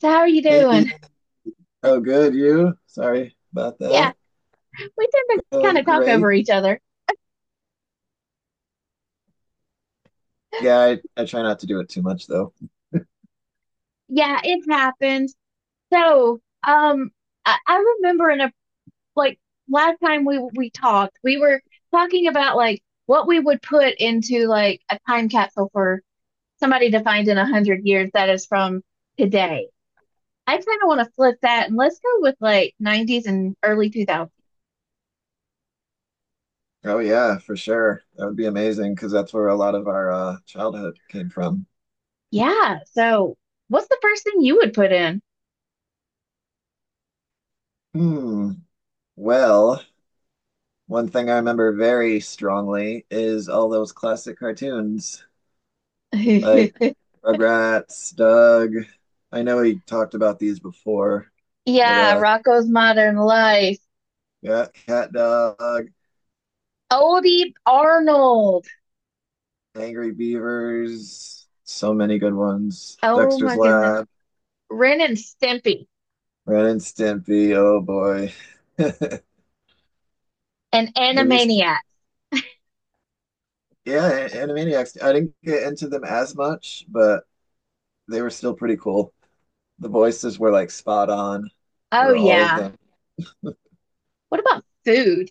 So how are you Hey, doing? oh good, you? Sorry about Yeah, that. we tend to kind Going of talk over great. each other. Yeah, I try not to do it too much though. Yeah, it happens. So, um, I, I remember in a like last time we talked, we were talking about like what we would put into like a time capsule for somebody to find in a hundred years that is from today. I kind of want to flip that, and let's go with like 90s and early 2000s. Oh yeah, for sure. That would be amazing because that's where a lot of our childhood came from. Yeah, so what's the first thing you would put in? Hmm. Well, one thing I remember very strongly is all those classic cartoons. Like Rugrats, Doug. I know he talked about these before, but Yeah, Rocco's Modern Life. yeah, Cat Dog, Odie Arnold. Angry Beavers, so many good ones. Oh Dexter's my goodness. Lab, Ren and Stimpy Ren and Stimpy, oh boy. and Have you s- Animaniacs. yeah, Animaniacs. I didn't get into them as much, but they were still pretty cool. The voices were like spot on Oh for all of yeah. them. What about food?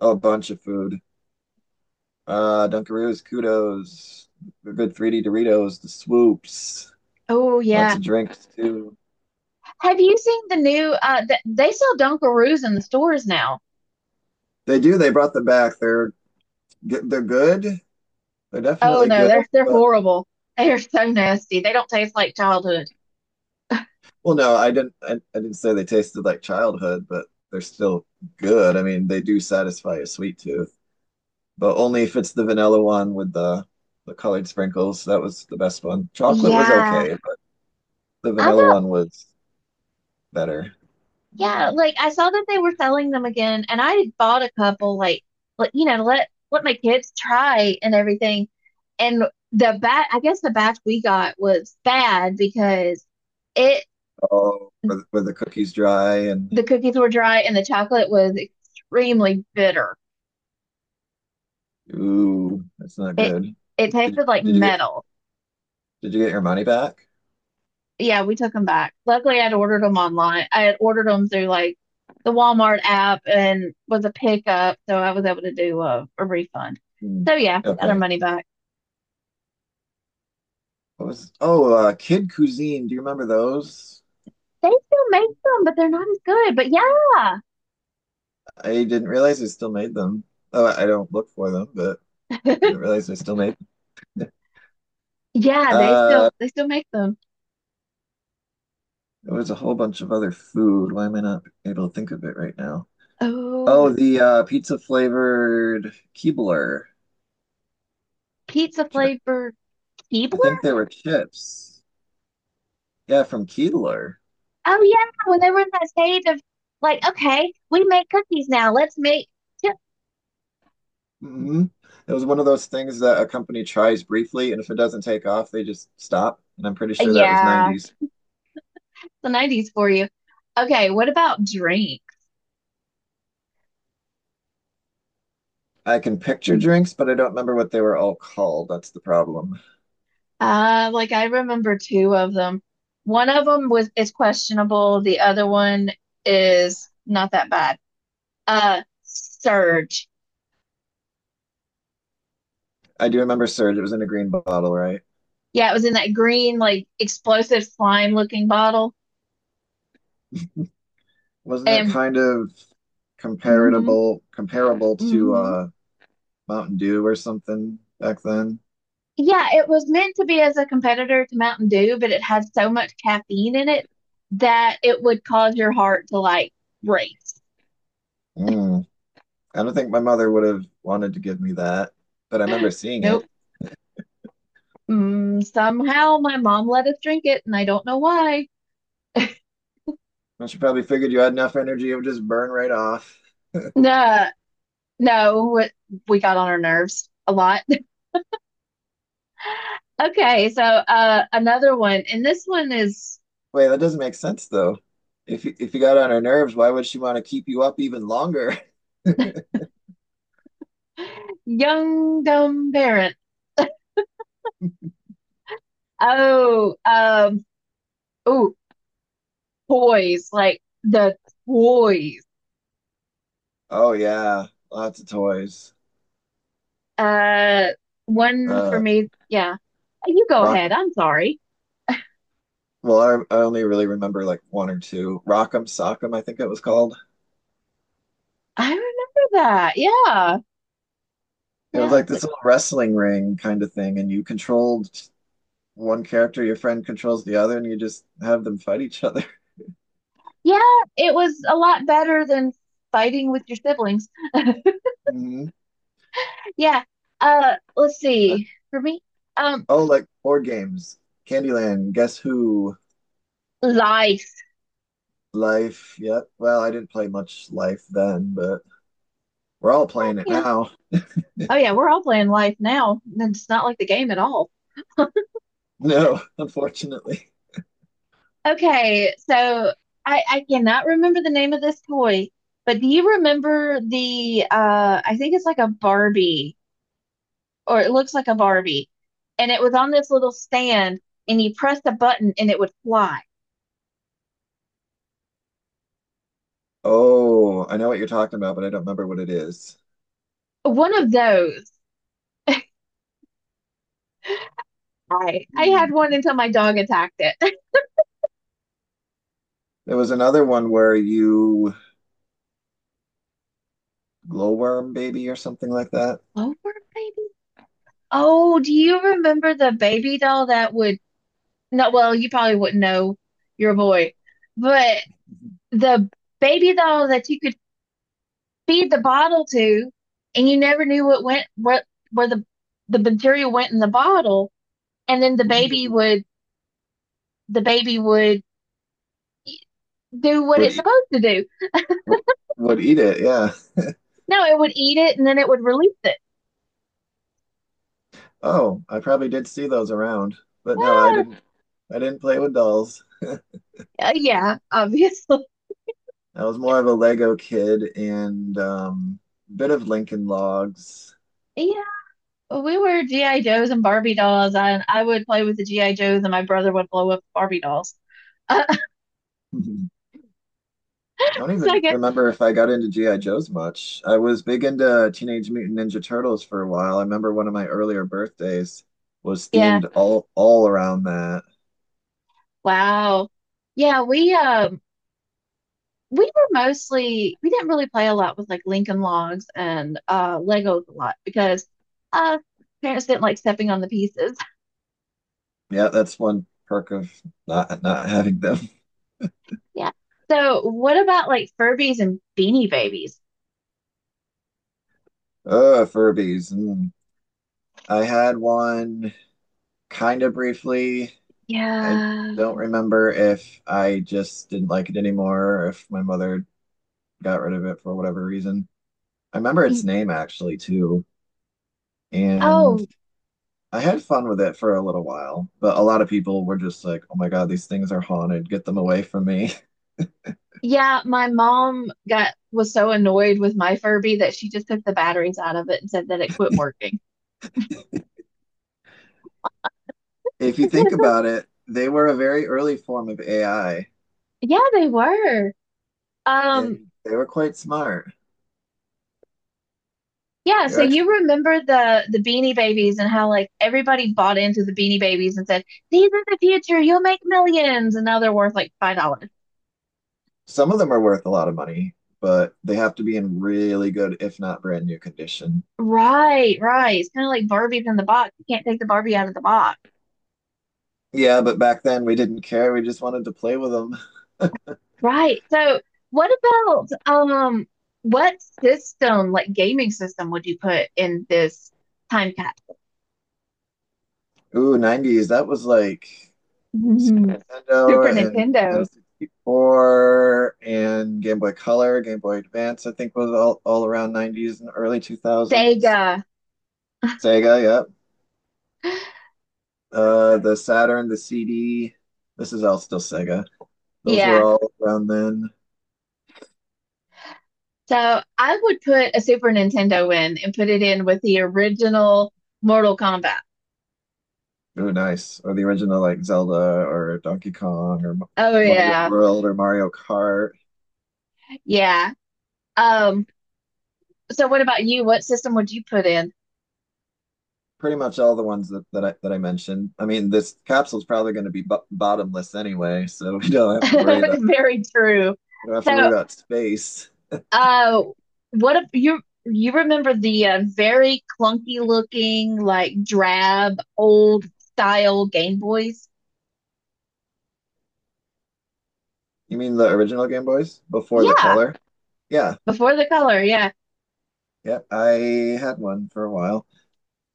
A bunch of food. Dunkaroos, Kudos, the good 3D Doritos, the swoops, Oh lots yeah. of drinks too. Have you seen the new th they sell Dunkaroos in the stores now. They do. They brought them back. They're good. They're Oh definitely no, good. they're But horrible. They are so nasty. They don't taste like childhood. well, no, I didn't. I didn't say they tasted like childhood, but they're still good. I mean, they do satisfy a sweet tooth, but only if it's the vanilla one with the colored sprinkles. That was the best one. Chocolate was Yeah. okay, but the I vanilla got. one was better. Yeah, like I saw that they were selling them again, and I bought a couple, like, to let my kids try and everything. And the bat, I guess the batch we got was bad because it Oh, were the cookies dry and the cookies were dry and the chocolate was extremely bitter. ooh, that's not It good. it Did, tasted like did you get metal. did you get your money back? Yeah, we took them back. Luckily, I'd ordered them online. I had ordered them through like the Walmart app and was a pickup, so I was able to do a refund. Hmm. So yeah, we got our Okay. money back. What was oh Kid Cuisine, do you remember those? They still make them, but they're not as good. But yeah. I didn't realize they still made them. Oh, I don't look for them, but I didn't realize they still made them. Yeah, they still Uh, they still make them. there was a whole bunch of other food. Why am I not able to think of it right now? Oh, Oh, the pizza flavored Keebler. pizza chi- flavored I Keebler? think they were chips. Yeah, from Keebler. Oh yeah, when they were in that stage of like, okay, we make cookies now. Let's make chip. Hmm. It was one of those things that a company tries briefly, and if it doesn't take off, they just stop. And I'm pretty sure that was Yeah, 90s. the 90s for you. Okay, what about drink? I can picture drinks, but I don't remember what they were all called. That's the problem. Like I remember two of them. One of them was is questionable. The other one is not that bad. Uh, Surge. I do remember Surge. It was in a green bottle, right? Yeah, it was in that green, like explosive slime looking bottle. Wasn't it And kind of hmm comparable to hmm Mountain Dew or something back then? yeah, it was meant to be as a competitor to Mountain Dew, but it had so much caffeine in it that it would cause your heart to like race. Mm. I don't think my mother would have wanted to give me that, but I remember seeing Nope. it. Somehow my mom let us drink it, and I don't know why. And she probably figured you had enough energy, it would just burn right off. No, no, we got on our nerves a lot. Okay, so another one, and this one is Wait, that doesn't make sense though. If you got on her nerves, why would she want to keep you up even longer? young dumb parent. Oh, um, oh, Toys, like the toys. Oh yeah, lots of toys. Uh, One for Uh, me. Yeah. You go ahead. Rock'em. I'm sorry. Well, I only really remember like one or two. Rock'em Sock'em, I think it was called. I remember that. Yeah, It was yeah, like this little wrestling ring kind of thing, and you controlled one character, your friend controls the other, and you just have them fight each other. yeah. It was a lot better than fighting with your siblings. Mhm. Yeah. Let's Uh, see. For me, um, oh, like board games, Candyland, Guess Who, life. Life. Yep. Well, I didn't play much Life then, but we're all playing it Yeah. now. Oh yeah, we're all playing life now. It's not like the game at all. No, unfortunately. Okay, so I cannot remember the name of this toy, but do you remember the I think it's like a Barbie or it looks like a Barbie, and it was on this little stand, and you pressed a button and it would fly. Oh, I know what you're talking about, but I don't remember what it is. One of those. I Hmm. had one until my dog attacked it. There was another one where you glowworm baby or something like that. Over maybe? Oh, do you remember the baby doll that would, no, well, you probably wouldn't know, your boy, but the baby doll that you could feed the bottle to, and you never knew what went what, where the bacteria went in the bottle, and then Ooh. The baby would do what Would it's eat, supposed to do. would eat it. Yeah. No, it would eat it and then it would release it. Oh, I probably did see those around, but no, I Ah, didn't. I didn't play with dolls. I yeah, obviously. was more of a Lego kid and bit of Lincoln Logs. Yeah, we were GI Joes and Barbie dolls. I would play with the GI Joes and my brother would blow up Barbie dolls. Uh, I don't so I even guess, remember if I got into G.I. Joes much. I was big into Teenage Mutant Ninja Turtles for a while. I remember one of my earlier birthdays was yeah, themed all around that. wow. Yeah, we were mostly we didn't really play a lot with like Lincoln Logs and Legos a lot because uh parents didn't like stepping on the pieces. Yeah, that's one perk of not having them. Yeah. So what about like Furbies and Beanie Babies? Furbies. Mm. I had one kind of briefly. I Yeah. don't remember if I just didn't like it anymore or if my mother got rid of it for whatever reason. I remember its Y- name actually too. And Oh, I had fun with it for a little while, but a lot of people were just like, oh my God, these things are haunted. Get them away from me. yeah, my mom got was so annoyed with my Furby that she just took the batteries out of it and said that it quit working. If you think about it, they were a very early form of AI Yeah, they were. Um, and they were quite smart. Yeah, They're so you actually, remember the Beanie Babies and how like everybody bought into the Beanie Babies and said, "These are the future, you'll make millions." And now they're worth like $5. some of them are worth a lot of money, but they have to be in really good, if not brand new condition. Right, right. It's kind of like Barbie from the box. You can't take the Barbie out of the box. Yeah, but back then we didn't care. We just wanted to play with them. Right. So what about um what system, like gaming system, would you put in this time capsule? Ooh, 90s. That was like Super Super Nintendo and Nintendo, N64 and Game Boy Color, Game Boy Advance, I think was all around 90s and early 2000s. Sega. Sega, yep. The Saturn, the CD. This is all still Sega. Those were Yeah. all around then. So I would put a Super Nintendo in and put it in with the original Mortal Kombat. Ooh, nice. Or the original like Zelda or Donkey Kong or Oh Mario yeah. World or Mario Kart. Yeah. Um, so what about you? What system would you put in? Pretty much all the ones that I mentioned. I mean, this capsule's probably going to be bo bottomless anyway, so we don't have to worry about Very true. I don't have to worry So about space. uh what if you you remember the very clunky looking like drab old style Game Boys? You mean the original Game Boys before the Yeah, color? Yeah, before the color, yeah. yeah. I had one for a while,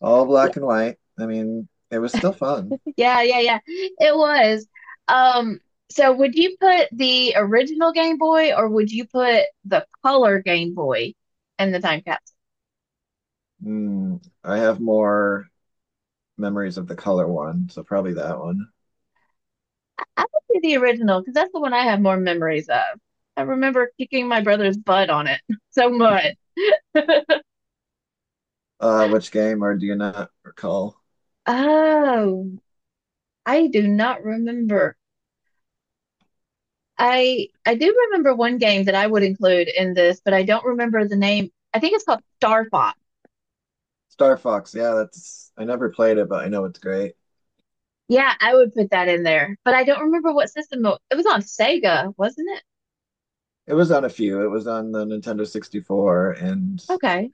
all black and white. I mean, it was still fun. Yeah, yeah, yeah. It was. Um, so would you put the original Game Boy or would you put the color Game Boy in the time capsule? Mm, I have more memories of the color one, so probably that one. I would do the original because that's the one I have more memories of. I remember kicking my brother's butt on it so much. Which game, or do you not recall? Oh, I do not remember. I do remember one game that I would include in this, but I don't remember the name. I think it's called Starfox. Star Fox. Yeah, that's. I never played it, but I know it's great. Yeah, I would put that in there, but I don't remember what system it was on. Sega, wasn't it? It was on a few. It was on the Nintendo 64 and Okay.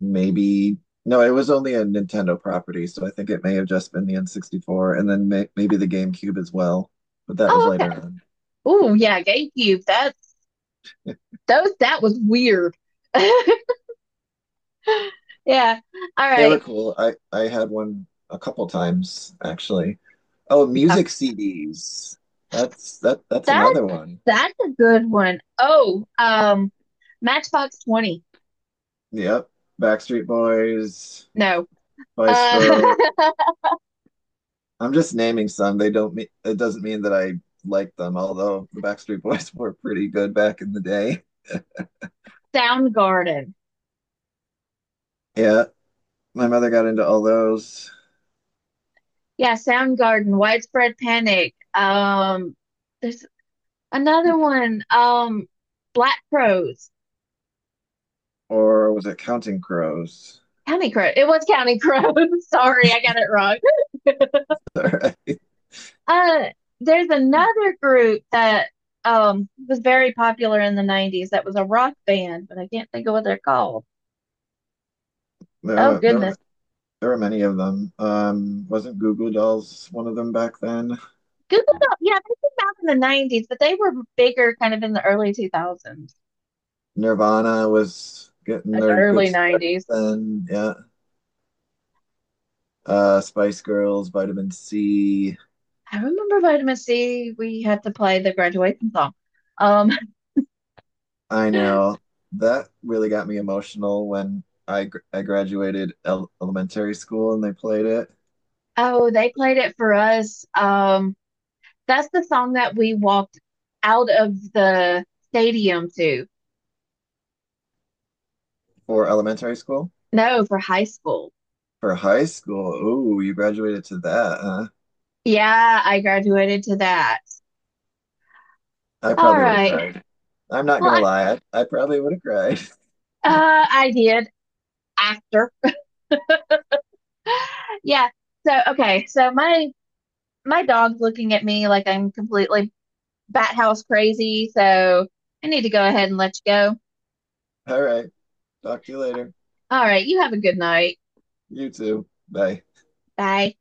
maybe no, it was only a Nintendo property, so I think it may have just been the N64 and then maybe the GameCube as well, but that was Oh, okay. later on. Oh, yeah, GameCube. That's those. That was weird. Yeah. All They were right. cool. I had one a couple times actually. Oh, Uh, music CDs. That's That's another one. A good one. Oh, Matchbox 20. Yep. Backstreet Boys, No. Spice Girls. Uh, I'm just naming some. They don't mean it doesn't mean that I like them, although the Backstreet Boys were pretty good back in the day. Soundgarden. Yeah, my mother got into all those. Yeah, Soundgarden. Widespread Panic. There's another one. Black Crowes. Or was it Counting Crows? County Crow. It was County Crow. Sorry, I got it wrong. there, uh, there's another group that was very popular in the 90s that was a rock band, but I can't think of what they're called. Oh goodness. there, there were many of them. Wasn't Goo Goo Dolls one of them back then? Google them. Yeah, they came out in the 90s, but they were bigger kind of in the early 2000s. Nirvana was getting That's their good early start 90s. then. Yeah. Spice Girls, Vitamin C. I remember Vitamin C, we had to play the graduation song. Um, I know that really got me emotional when I graduated el elementary school and they played it oh, they played it for us. That's the song that we walked out of the stadium to. for elementary school. No, for high school. For high school, ooh, you graduated to that, huh? Yeah, I graduated to that. I All probably would have right. cried. I'm not Well, gonna lie. I probably would have cried. I did after. Yeah. So okay. So my dog's looking at me like I'm completely bat house crazy. So I need to go ahead and let you go. All right. Talk to you later. All right. You have a good night. You too. Bye. Bye.